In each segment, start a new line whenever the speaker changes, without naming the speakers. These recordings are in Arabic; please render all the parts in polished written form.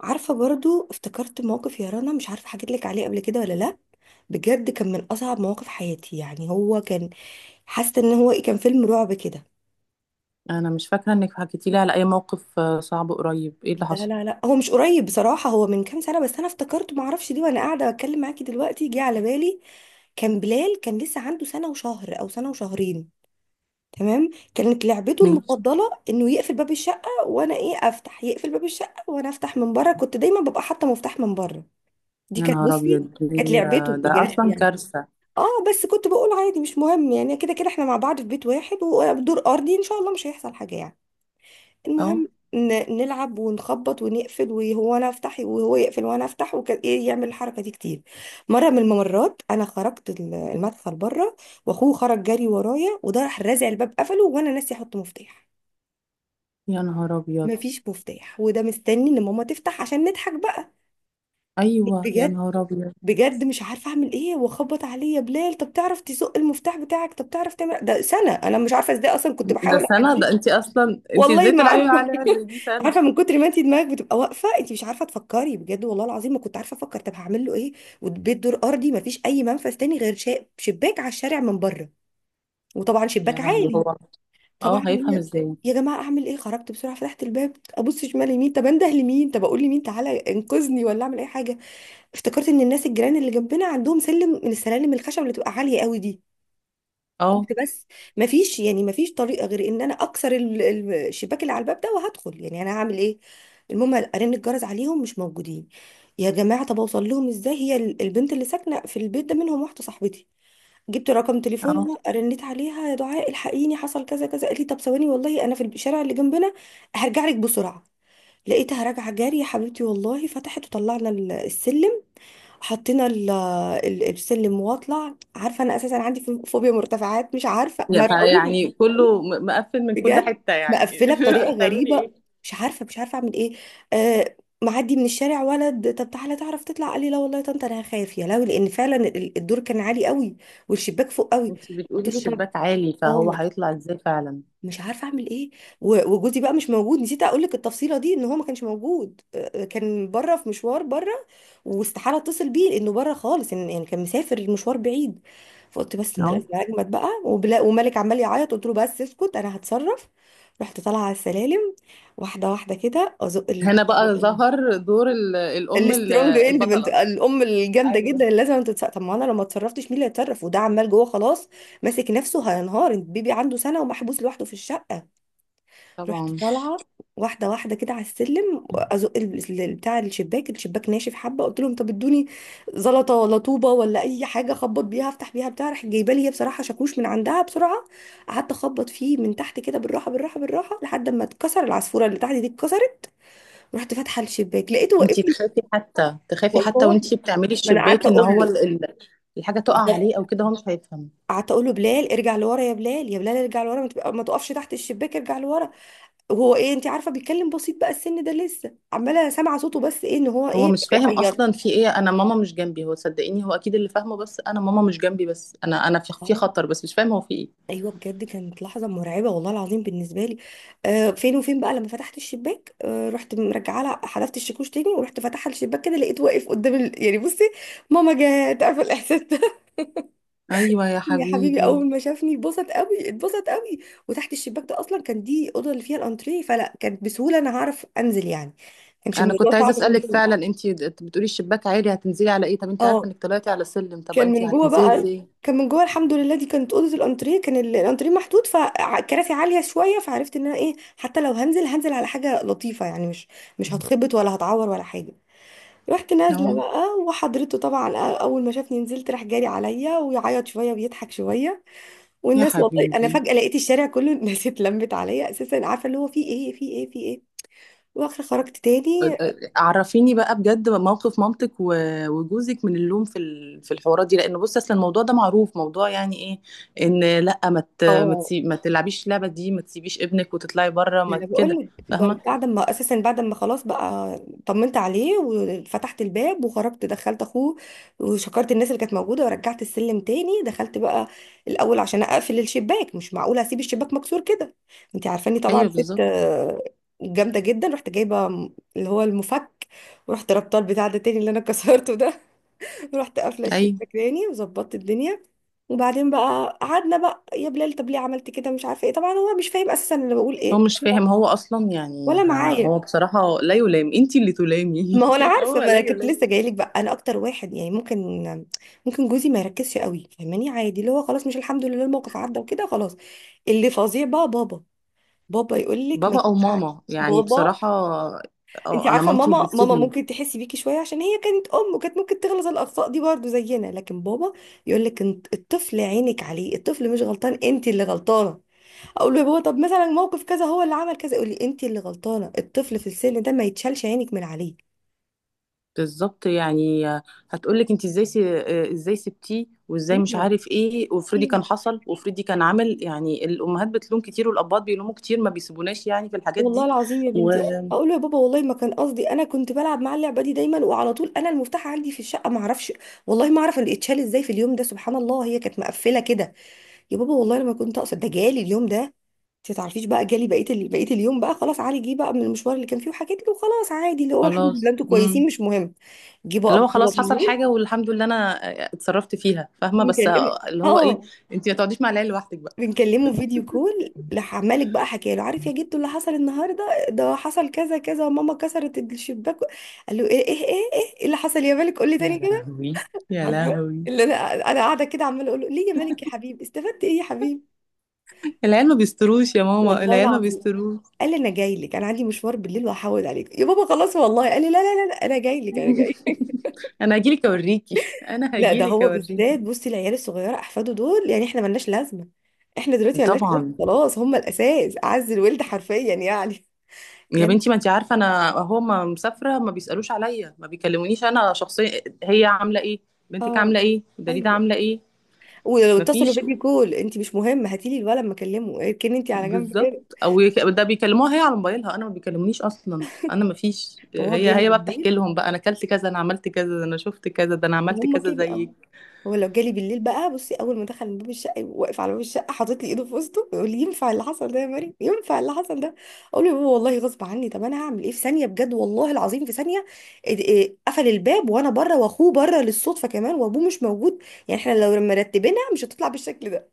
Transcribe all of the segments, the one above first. عارفة برضو افتكرت موقف يا رنا، مش عارفة حكيت لك عليه قبل كده ولا لا. بجد كان من أصعب مواقف حياتي، يعني هو كان حاسة إن هو كان فيلم رعب كده.
انا مش فاكره انك حكيتي لي على اي موقف، صعب. قريب؟ ايه اللي
لا
حصل؟
لا لا، هو مش قريب بصراحة، هو من كام سنة، بس أنا افتكرته، معرفش دي وأنا قاعدة بتكلم معاكي دلوقتي جه على بالي. كان بلال كان لسه عنده سنة وشهر أو سنة وشهرين. تمام. كانت لعبته
ماشي.
المفضلة إنه يقفل باب الشقة وأنا أفتح، يقفل باب الشقة وأنا أفتح من بره، كنت دايما ببقى حاطة مفتاح من بره. دي
يا
كانت،
نهار
بصي،
ابيض!
كانت لعبته
ده
بجد
اصلا
يعني.
كارثه.
اه، بس كنت بقول عادي مش مهم، يعني كده كده احنا مع بعض في بيت واحد ودور ارضي، ان شاء الله مش هيحصل حاجه يعني.
اه،
المهم، نلعب ونخبط ونقفل، وهو انا افتح وهو يقفل وانا افتح وكده، يعمل الحركه دي كتير. مره من الممرات انا خرجت المدخل بره، واخوه خرج جري ورايا، وده راح رازع الباب قفله وانا ناسي احط مفتاح.
يا نهار ابيض.
مفيش مفتاح، وده مستني ان ماما تفتح عشان نضحك بقى.
ايوه، يا
بجد،
نهار ابيض.
بجد مش عارفه اعمل ايه، واخبط عليه يا بلال، طب تعرف تزق المفتاح بتاعك، طب تعرف تعمل ده، سنه، انا مش عارفه ازاي، اصلا كنت
ده
بحاول
سنه،
احديه.
ده انت اصلا
والله
ازاي
ما
تلعبي
عارفه.
عليها زي دي سنه؟
عارفه من كتر ما انت دماغك بتبقى واقفه، انت مش عارفه تفكري، بجد والله العظيم ما كنت عارفه افكر، طب هعمل له ايه؟ والبيت دور ارضي ما فيش اي منفذ تاني غير شباك على الشارع من بره، وطبعا
يا
شباك
لهوي،
عالي.
هو
طبعا
اه هيفهم
هي.
ازاي؟
يا جماعه اعمل ايه؟ خرجت بسرعه، فتحت الباب، ابص شمال يمين، طب انده لمين، طب اقول لمين تعالى انقذني، ولا اعمل اي حاجه. افتكرت ان الناس الجيران اللي جنبنا عندهم سلم من السلالم الخشب اللي بتبقى عاليه قوي دي.
اه.
قلت بس، ما فيش يعني، ما فيش طريقه غير ان انا اكسر الشباك اللي على الباب ده وهدخل، يعني انا هعمل ايه؟ المهم ارن الجرس عليهم، مش موجودين. يا جماعه طب اوصل لهم ازاي؟ هي البنت اللي ساكنه في البيت ده منهم واحده صاحبتي. جبت رقم
اه.
تليفونها، رنيت عليها، يا دعاء الحقيني حصل كذا كذا، قالت لي طب ثواني والله انا في الشارع اللي جنبنا، هرجع لك بسرعه. لقيتها راجعه جاري يا حبيبتي، والله فتحت وطلعنا السلم. حطينا السلم واطلع، عارفه انا اساسا عندي فوبيا مرتفعات، مش عارفه، مرعوب
فيعني كله مقفل من كل
بجد.
حته يعني
مقفله بطريقه
هتعملي
غريبه.
ايه؟
مش عارفه اعمل ايه. آه. معدي من الشارع ولد، طب تعالى تعرف تطلع؟ قال لي لا والله يا طنط انا خايف. يا لهوي، لان فعلا الدور كان عالي قوي، والشباك فوق قوي.
انت
قلت
بتقولي
له طب،
الشباك عالي،
اه،
فهو هيطلع ازاي فعلا؟
مش عارفه اعمل ايه. وجوزي بقى مش موجود، نسيت اقول لك التفصيله دي، ان هو ما كانش موجود، كان بره في مشوار بره، واستحاله اتصل بيه انه بره خالص، يعني كان مسافر، المشوار بعيد. فقلت بس انا
اه.
لازم اجمد بقى، وبلا ومالك عمال يعيط، قلت له بس اسكت انا هتصرف. رحت طالعه على السلالم واحده واحده كده، ازق
هنا بقى ظهر دور الام
السترونج اندبنت،
البطله.
الام الجامده جدا
ايوه.
اللي لازم تتصرف، طب ما انا لو ما اتصرفتش مين اللي هيتصرف، وده عمال جوه خلاص ماسك نفسه هينهار، البيبي عنده سنه ومحبوس لوحده في الشقه. رحت
طبعا.
طالعه واحده واحده كده على السلم، ازق بتاع الشباك. الشباك ناشف حبه، قلت لهم طب ادوني زلطه ولا طوبه ولا اي حاجه اخبط بيها، افتح بيها بتاع، راحت جايبه لي هي بصراحه شاكوش من عندها بسرعه. قعدت اخبط فيه من تحت كده بالراحه بالراحه بالراحه، لحد ما اتكسر، العصفوره اللي تحت دي اتكسرت. رحت فاتحه الشباك لقيته
انتي
واقف لي.
تخافي حتى، تخافي حتى
والله
وانتي بتعملي
ما انا قعدت
الشباك، ان
اقول
هو
له.
الحاجه تقع
بالظبط.
عليه او كده، هو مش هيفهم.
قعدت اقول له بلال ارجع لورا، يا بلال يا بلال ارجع لورا، ما تقفش تحت الشباك، ارجع لورا. وهو انت عارفه بيتكلم بسيط بقى السن ده، لسه عماله سامعه صوته، بس ان هو
هو مش فاهم
بيعيط.
اصلا في ايه، انا ماما مش جنبي. هو صدقيني هو اكيد اللي فاهمه، بس انا ماما مش جنبي، بس انا في
اه.
خطر، بس مش فاهم هو في ايه.
ايوه بجد كانت لحظه مرعبه والله العظيم بالنسبه لي. آه فين وفين بقى، لما فتحت الشباك آه، رحت مرجعه لها، حذفت الشاكوش تاني، ورحت فاتحه الشباك كده، لقيت واقف قدام يعني بصي، ماما جت، عارفه الاحساس ده؟
ايوه يا
يا حبيبي،
حبيبي.
اول ما شافني اتبسط قوي اتبسط قوي. وتحت الشباك ده اصلا كان، دي اوضه اللي فيها الانتريه، فلا كانت بسهوله انا هعرف انزل يعني، كانش
انا كنت
الموضوع
عايزه
صعب من
اسالك
جوه.
فعلا، انتي بتقولي الشباك عالي، هتنزلي على ايه؟ طب انتي عارفه
اه،
انك طلعتي على سلم، طب
كان
انتي
من جوه
هتنزلي
بقى،
ازاي؟
كان من جوه، الحمد لله. دي كانت اوضه الانتريه، كان الانتريه محدود فكراسي عاليه شويه، فعرفت ان انا حتى لو هنزل هنزل على حاجه لطيفه، يعني مش، مش هتخبط ولا هتعور ولا حاجه. رحت نازله
اه
بقى وحضرته طبعا، اول ما شافني نزلت راح جاري عليا، ويعيط شويه ويضحك شويه.
يا
والناس، والله انا
حبيبي.
فجاه لقيت الشارع كله الناس اتلمت عليا، اساسا عارفه اللي هو في ايه في ايه في ايه. واخر خرجت تاني.
عرفيني بقى بجد، موقف مامتك وجوزك من اللوم في في الحوارات دي، لان بص اصلا الموضوع ده معروف، موضوع يعني ايه ان لا،
اه،
ما تلعبيش اللعبه دي، ما تسيبيش ابنك وتطلعي بره،
ما
ما
انا
كده.
بقول لك،
فاهمه.
بعد ما اساسا، بعد ما خلاص بقى طمنت عليه وفتحت الباب وخرجت، دخلت اخوه، وشكرت الناس اللي كانت موجوده، ورجعت السلم تاني، دخلت بقى الاول عشان اقفل الشباك، مش معقوله اسيب الشباك مكسور كده، انت عارفاني طبعا،
ايوه
ست
بالظبط.
جامده جدا. رحت جايبه اللي هو المفك، ورحت ربطه البتاع ده تاني اللي انا كسرته ده. رحت قافله
ايوه،
الشباك تاني، وظبطت الدنيا. وبعدين بقى قعدنا بقى، يا بلال طب ليه عملت كده؟ مش عارفه ايه، طبعا هو مش فاهم اساسا انا بقول
هو
ايه،
مش فاهم، هو اصلا يعني
ولا معايا.
هو بصراحه لا يلام، انتي اللي
ما هو
تلامي
انا عارفه،
هو
ما
لا
انا كنت
يلام.
لسه جايلك بقى، انا اكتر واحد يعني ممكن، ممكن جوزي ما يركزش قوي فاهماني، عادي، اللي هو خلاص مش، الحمد لله الموقف عدى وكده خلاص. اللي فظيع بقى بابا. بابا يقول لك ما
بابا او
ينفعش.
ماما، يعني
بابا،
بصراحه.
انت
اه، انا
عارفه
مامتي مش
ماما، ماما
بتسيبني.
ممكن تحسي بيكي شويه عشان هي كانت ام وكانت ممكن تغلط الاخطاء دي برضو زينا، لكن بابا يقول لك انت الطفل عينك عليه، الطفل مش غلطان، انت اللي غلطانه. اقول له يا بابا طب مثلا موقف كذا هو اللي عمل كذا، يقول لي انت اللي غلطانه، الطفل في السن ده ما يتشالش عينك من عليه.
بالظبط يعني. هتقولك انت ازاي ازاي سبتيه، وازاي مش
ايوه،
عارف ايه، وافرضي كان
ايوه.
حصل، وافرضي كان عمل. يعني الامهات بتلوم كتير، والاباء بيلوموا كتير، ما بيسيبوناش يعني في الحاجات
والله
دي.
العظيم يا بنتي، اقول له يا بابا والله ما كان قصدي، انا كنت بلعب مع اللعبه دي دايما وعلى طول انا المفتاح عندي في الشقه، ما اعرفش والله ما اعرف اللي اتشال ازاي في اليوم ده، سبحان الله هي كانت مقفله كده، يا بابا والله لما كنت اقصد ده، جالي اليوم ده. انت تعرفيش بقى جالي بقيه بقيه اليوم بقى، خلاص علي جه بقى من المشوار اللي كان فيه وحكيت له، خلاص عادي اللي هو الحمد لله
وخلاص
انتوا كويسين
امم
مش مهم. جه بقى
اللي هو
بابا
خلاص حصل
بالليل،
حاجه، والحمد لله انا اتصرفت فيها فاهمه، بس
بيكلمني،
اللي هو ايه،
اه،
انت ما تقعديش مع العيال لوحدك بقى.
بنكلمه فيديو كول، راح عمالك بقى حكى له عارف يا جدو اللي حصل النهارده؟ ده حصل كذا كذا، وماما كسرت الشباك. قال له ايه ايه ايه؟ إيه اللي حصل يا مالك قول لي تاني
يا
كده.
لهوي، يا
عارفه
لهوي.
اللي انا، انا قاعده كده عماله اقول له ليه يا مالك يا حبيبي، استفدت ايه يا حبيبي.
العيال ما بيستروش يا ماما،
والله
العيال ما
العظيم
بيستروش.
قال لي انا جاي لك، انا عندي مشوار بالليل وهحود عليك يا بابا خلاص، والله قال لي لا لا لا لا، انا جاي لك انا جاي لك.
انا هجيلك اوريكي، انا
لا ده
هجيلك
هو
اوريكي.
بالذات، بصي العيال الصغيره احفاده دول، يعني احنا ملناش لازمه، احنا دلوقتي ملناش لازمه
طبعا.
خلاص، هم الاساس، اعز الولد حرفيا يعني.
يا بنتي، ما انت عارفه انا اهو ما مسافره، ما بيسالوش عليا، ما بيكلمونيش انا شخصيا، هي عامله ايه؟ بنتك
اه،
عامله ايه؟ دليده
ايوه.
عامله ايه؟
ولو
ما
اتصلوا
فيش.
فيديو كول انت مش مهم، هاتيلي الولد ما اكلمه، اركني انت على جنب كده.
بالظبط. او ده بيكلموها هي على موبايلها، انا ما بيكلمونيش اصلا، انا ما فيش،
وهو
هي
جالي
هي بقى بتحكي
بالليل،
لهم بقى انا اكلت كذا، انا عملت كذا، ده انا شفت كذا، ده انا عملت
وهم
كذا
كده. اه،
زيك.
هو لو جالي بالليل بقى، بصي، اول ما دخل من باب الشقه يبقى واقف على باب الشقه حاطط لي ايده في وسطه يقول لي ينفع اللي حصل ده يا مريم؟ ينفع اللي حصل ده؟ اقول له يا بابا والله غصب عني، طب انا هعمل ايه؟ في ثانيه بجد والله العظيم في ثانيه، إد- إيه، قفل الباب وانا بره واخوه بره للصدفه كمان وابوه مش موجود، يعني احنا لو مرتبينها مش هتطلع بالشكل ده.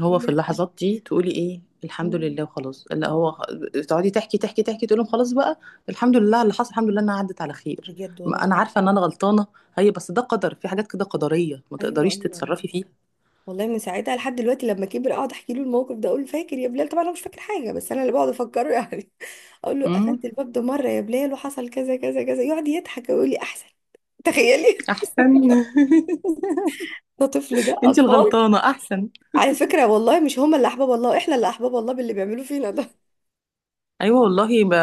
هو في
لا.
اللحظات دي تقولي ايه؟ الحمد
مم.
لله وخلاص. لا،
آه،
هو تقعدي تحكي، تحكي، تحكي، تقول لهم خلاص بقى. الحمد لله على اللي حصل، الحمد لله انها عدت على خير.
بجد والله
ما انا عارفه ان
العظيم.
انا غلطانه، هي بس ده قدر، في حاجات كده قدريه ما
ايوه،
تقدريش
ايوه.
تتصرفي فيها.
والله من ساعتها لحد دلوقتي لما كبر اقعد احكي له الموقف ده، اقول له فاكر يا بلال؟ طبعا انا مش فاكر حاجه، بس انا اللي بقعد افكره يعني. اقول له
امم.
قفلت الباب ده مره يا بلال وحصل كذا كذا كذا، يقعد يضحك ويقول لي احسن. تخيلي.
احسن.
ده طفل، ده
انت
اطفال،
الغلطانه، احسن.
على فكره والله مش هما اللي احباب الله، احنا اللي احباب الله باللي بيعملوه فينا ده.
ايوه والله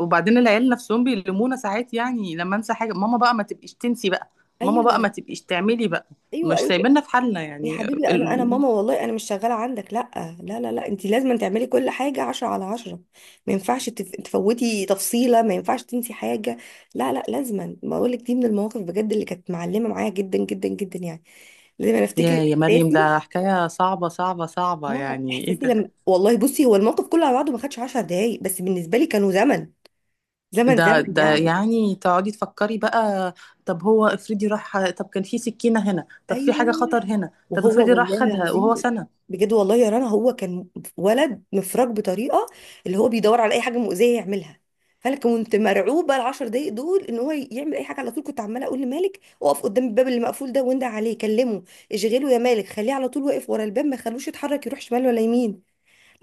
وبعدين العيال نفسهم بيلمونا ساعات، يعني لما انسى حاجه، ماما بقى ما تبقيش تنسي بقى. ماما
ايوه
بقى ما تبقيش تعملي بقى.
ايوه
مش
ايوه.
سايبيننا في حالنا
يا
يعني.
حبيبي انا، انا ماما، والله انا مش شغاله عندك، لا لا لا، لا انت لازم تعملي كل حاجه عشرة على عشرة، ما ينفعش تفوتي تفصيله، ما ينفعش تنسي حاجه. لا لا، لازما بقول لك دي من المواقف بجد اللي كانت معلمه معايا جدا جدا جدا يعني. لازم انا افتكر
يا مريم،
احساسي،
ده حكاية صعبة، صعبة، صعبة،
اه،
يعني ايه
احساسي
ده؟
لما، والله بصي هو الموقف كله على بعضه ما خدش 10 دقايق، بس بالنسبه لي كانوا زمن، زمن
ده
زمن
ده
يعني.
يعني تقعدي تفكري بقى. طب هو افرضي راح، طب كان في سكينة هنا، طب في
ايوه،
حاجة خطر هنا، طب
وهو
افرضي راح
والله
خدها
العظيم،
وهو سنة.
بجد والله يا رنا هو كان ولد مفرج بطريقه، اللي هو بيدور على اي حاجه مؤذيه يعملها. فانا كنت مرعوبه العشر دقايق دول ان هو يعمل اي حاجه، على طول كنت عماله اقول لمالك اقف قدام الباب اللي مقفول ده وندع عليه كلمه، اشغله يا مالك، خليه على طول واقف ورا الباب، ما خلوش يتحرك يروح شمال ولا يمين،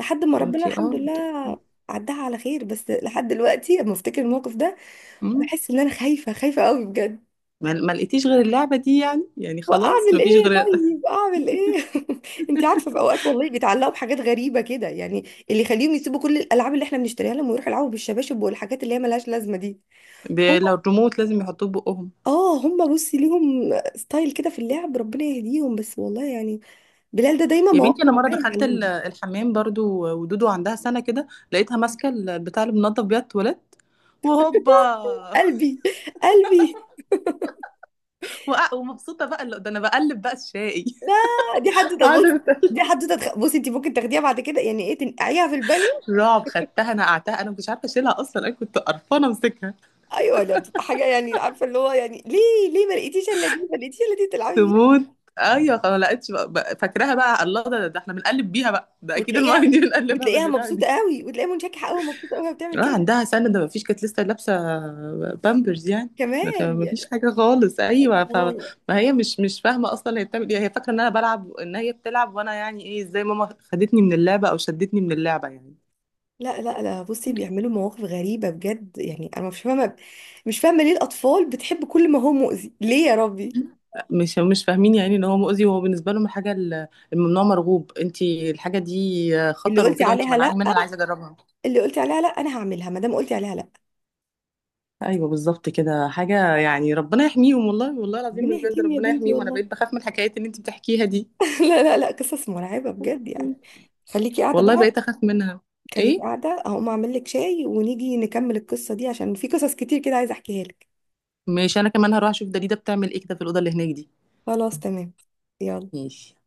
لحد ما ربنا
وانتي
الحمد لله عدها على خير. بس لحد دلوقتي لما افتكر الموقف ده
مم.
بحس ان انا خايفه، خايفه قوي بجد.
ما لقيتيش غير اللعبة دي يعني خلاص
واعمل ايه
مفيش غير.
طيب؟ اعمل ايه؟ انت عارفه في اوقات والله بيتعلقوا بحاجات غريبه كده، يعني اللي يخليهم يسيبوا كل الالعاب اللي احنا بنشتريها لهم، ويروحوا يلعبوا بالشباشب والحاجات اللي هي ملهاش لازمه دي. هو،
لو الريموت لازم يحطوه بقهم.
اه، هم بصي ليهم ستايل كده في اللعب، ربنا يهديهم بس والله يعني، بلال ده دايما
يا بنتي، انا
مواقفه
مره
معايا
دخلت
معلمه.
الحمام برضو، ودودو عندها سنه كده، لقيتها ماسكه بتاع اللي بنضف بيها التواليت، وهوبا!
قلبي، قلبي.
ومبسوطه بقى ده انا بقلب بقى الشاي.
لا، دي حد،
قاعده
بصي،
بت-
دي حدوته بصي انت ممكن تاخديها بعد كده، يعني ايه تنقعيها في البانيو؟
رعب. خدتها نقعتها، انا مش عارفه اشيلها اصلا، انا كنت قرفانه امسكها.
ايوه، ده بتبقى حاجه يعني، عارفه اللي هو يعني ليه، ليه ما لقيتيش الا دي، ما لقيتيش الا دي تلعبي؟
تموت. ايوه خلاص، ما لقيتش بقى فاكراها بقى، الله، ده احنا بنقلب بيها بقى، ده اكيد الميه
وتلاقيها،
دي بنقلبها
وتلاقيها
بالبتاع
مبسوطه
دي.
قوي وتلاقيها منشكحه قوي ومبسوطه قوي وهي بتعمل
اه،
كده
عندها سنه، ده ما فيش، كانت لسه لابسه بامبرز يعني.
كمان
ما فيش
يعني.
حاجه خالص، ايوه فما
الله.
هي مش فاهمه اصلا هي بتعمل ايه. هي فاكره ان انا بلعب، ان هي بتلعب، وانا يعني ايه، ازاي ماما خدتني من اللعبه او شدتني من اللعبه يعني.
لا لا لا، بصي بيعملوا مواقف غريبه بجد يعني، انا مش فاهمه، مش فاهمه ليه الاطفال بتحب كل ما هو مؤذي، ليه يا ربي.
مش فاهمين يعني ان هو مؤذي، وهو بالنسبه لهم الحاجه الممنوع مرغوب، انت الحاجه دي
اللي
خطر
قلتي
وكده، وانت
عليها لا،
منعاني منها انا عايزه اجربها.
اللي قلتي عليها لا، انا هعملها ما دام قلتي عليها لا.
ايوه بالظبط، كده حاجه يعني. ربنا يحميهم، والله، والله العظيم
ربنا
بجد
يهديهم يا
ربنا
بنتي
يحميهم. انا
والله.
بقيت بخاف من الحكايات اللي انت بتحكيها دي،
لا لا لا، قصص مرعبه بجد يعني، خليكي قاعده
والله
بقى،
بقيت اخاف منها.
خليكي
ايه.
قاعده هقوم اعمل لك شاي ونيجي نكمل القصه دي عشان في قصص كتير كده عايزه احكيها لك.
ماشي، انا كمان هروح اشوف دليده بتعمل ايه كده في الاوضه اللي هناك دي.
خلاص تمام. يلا.
ماشي.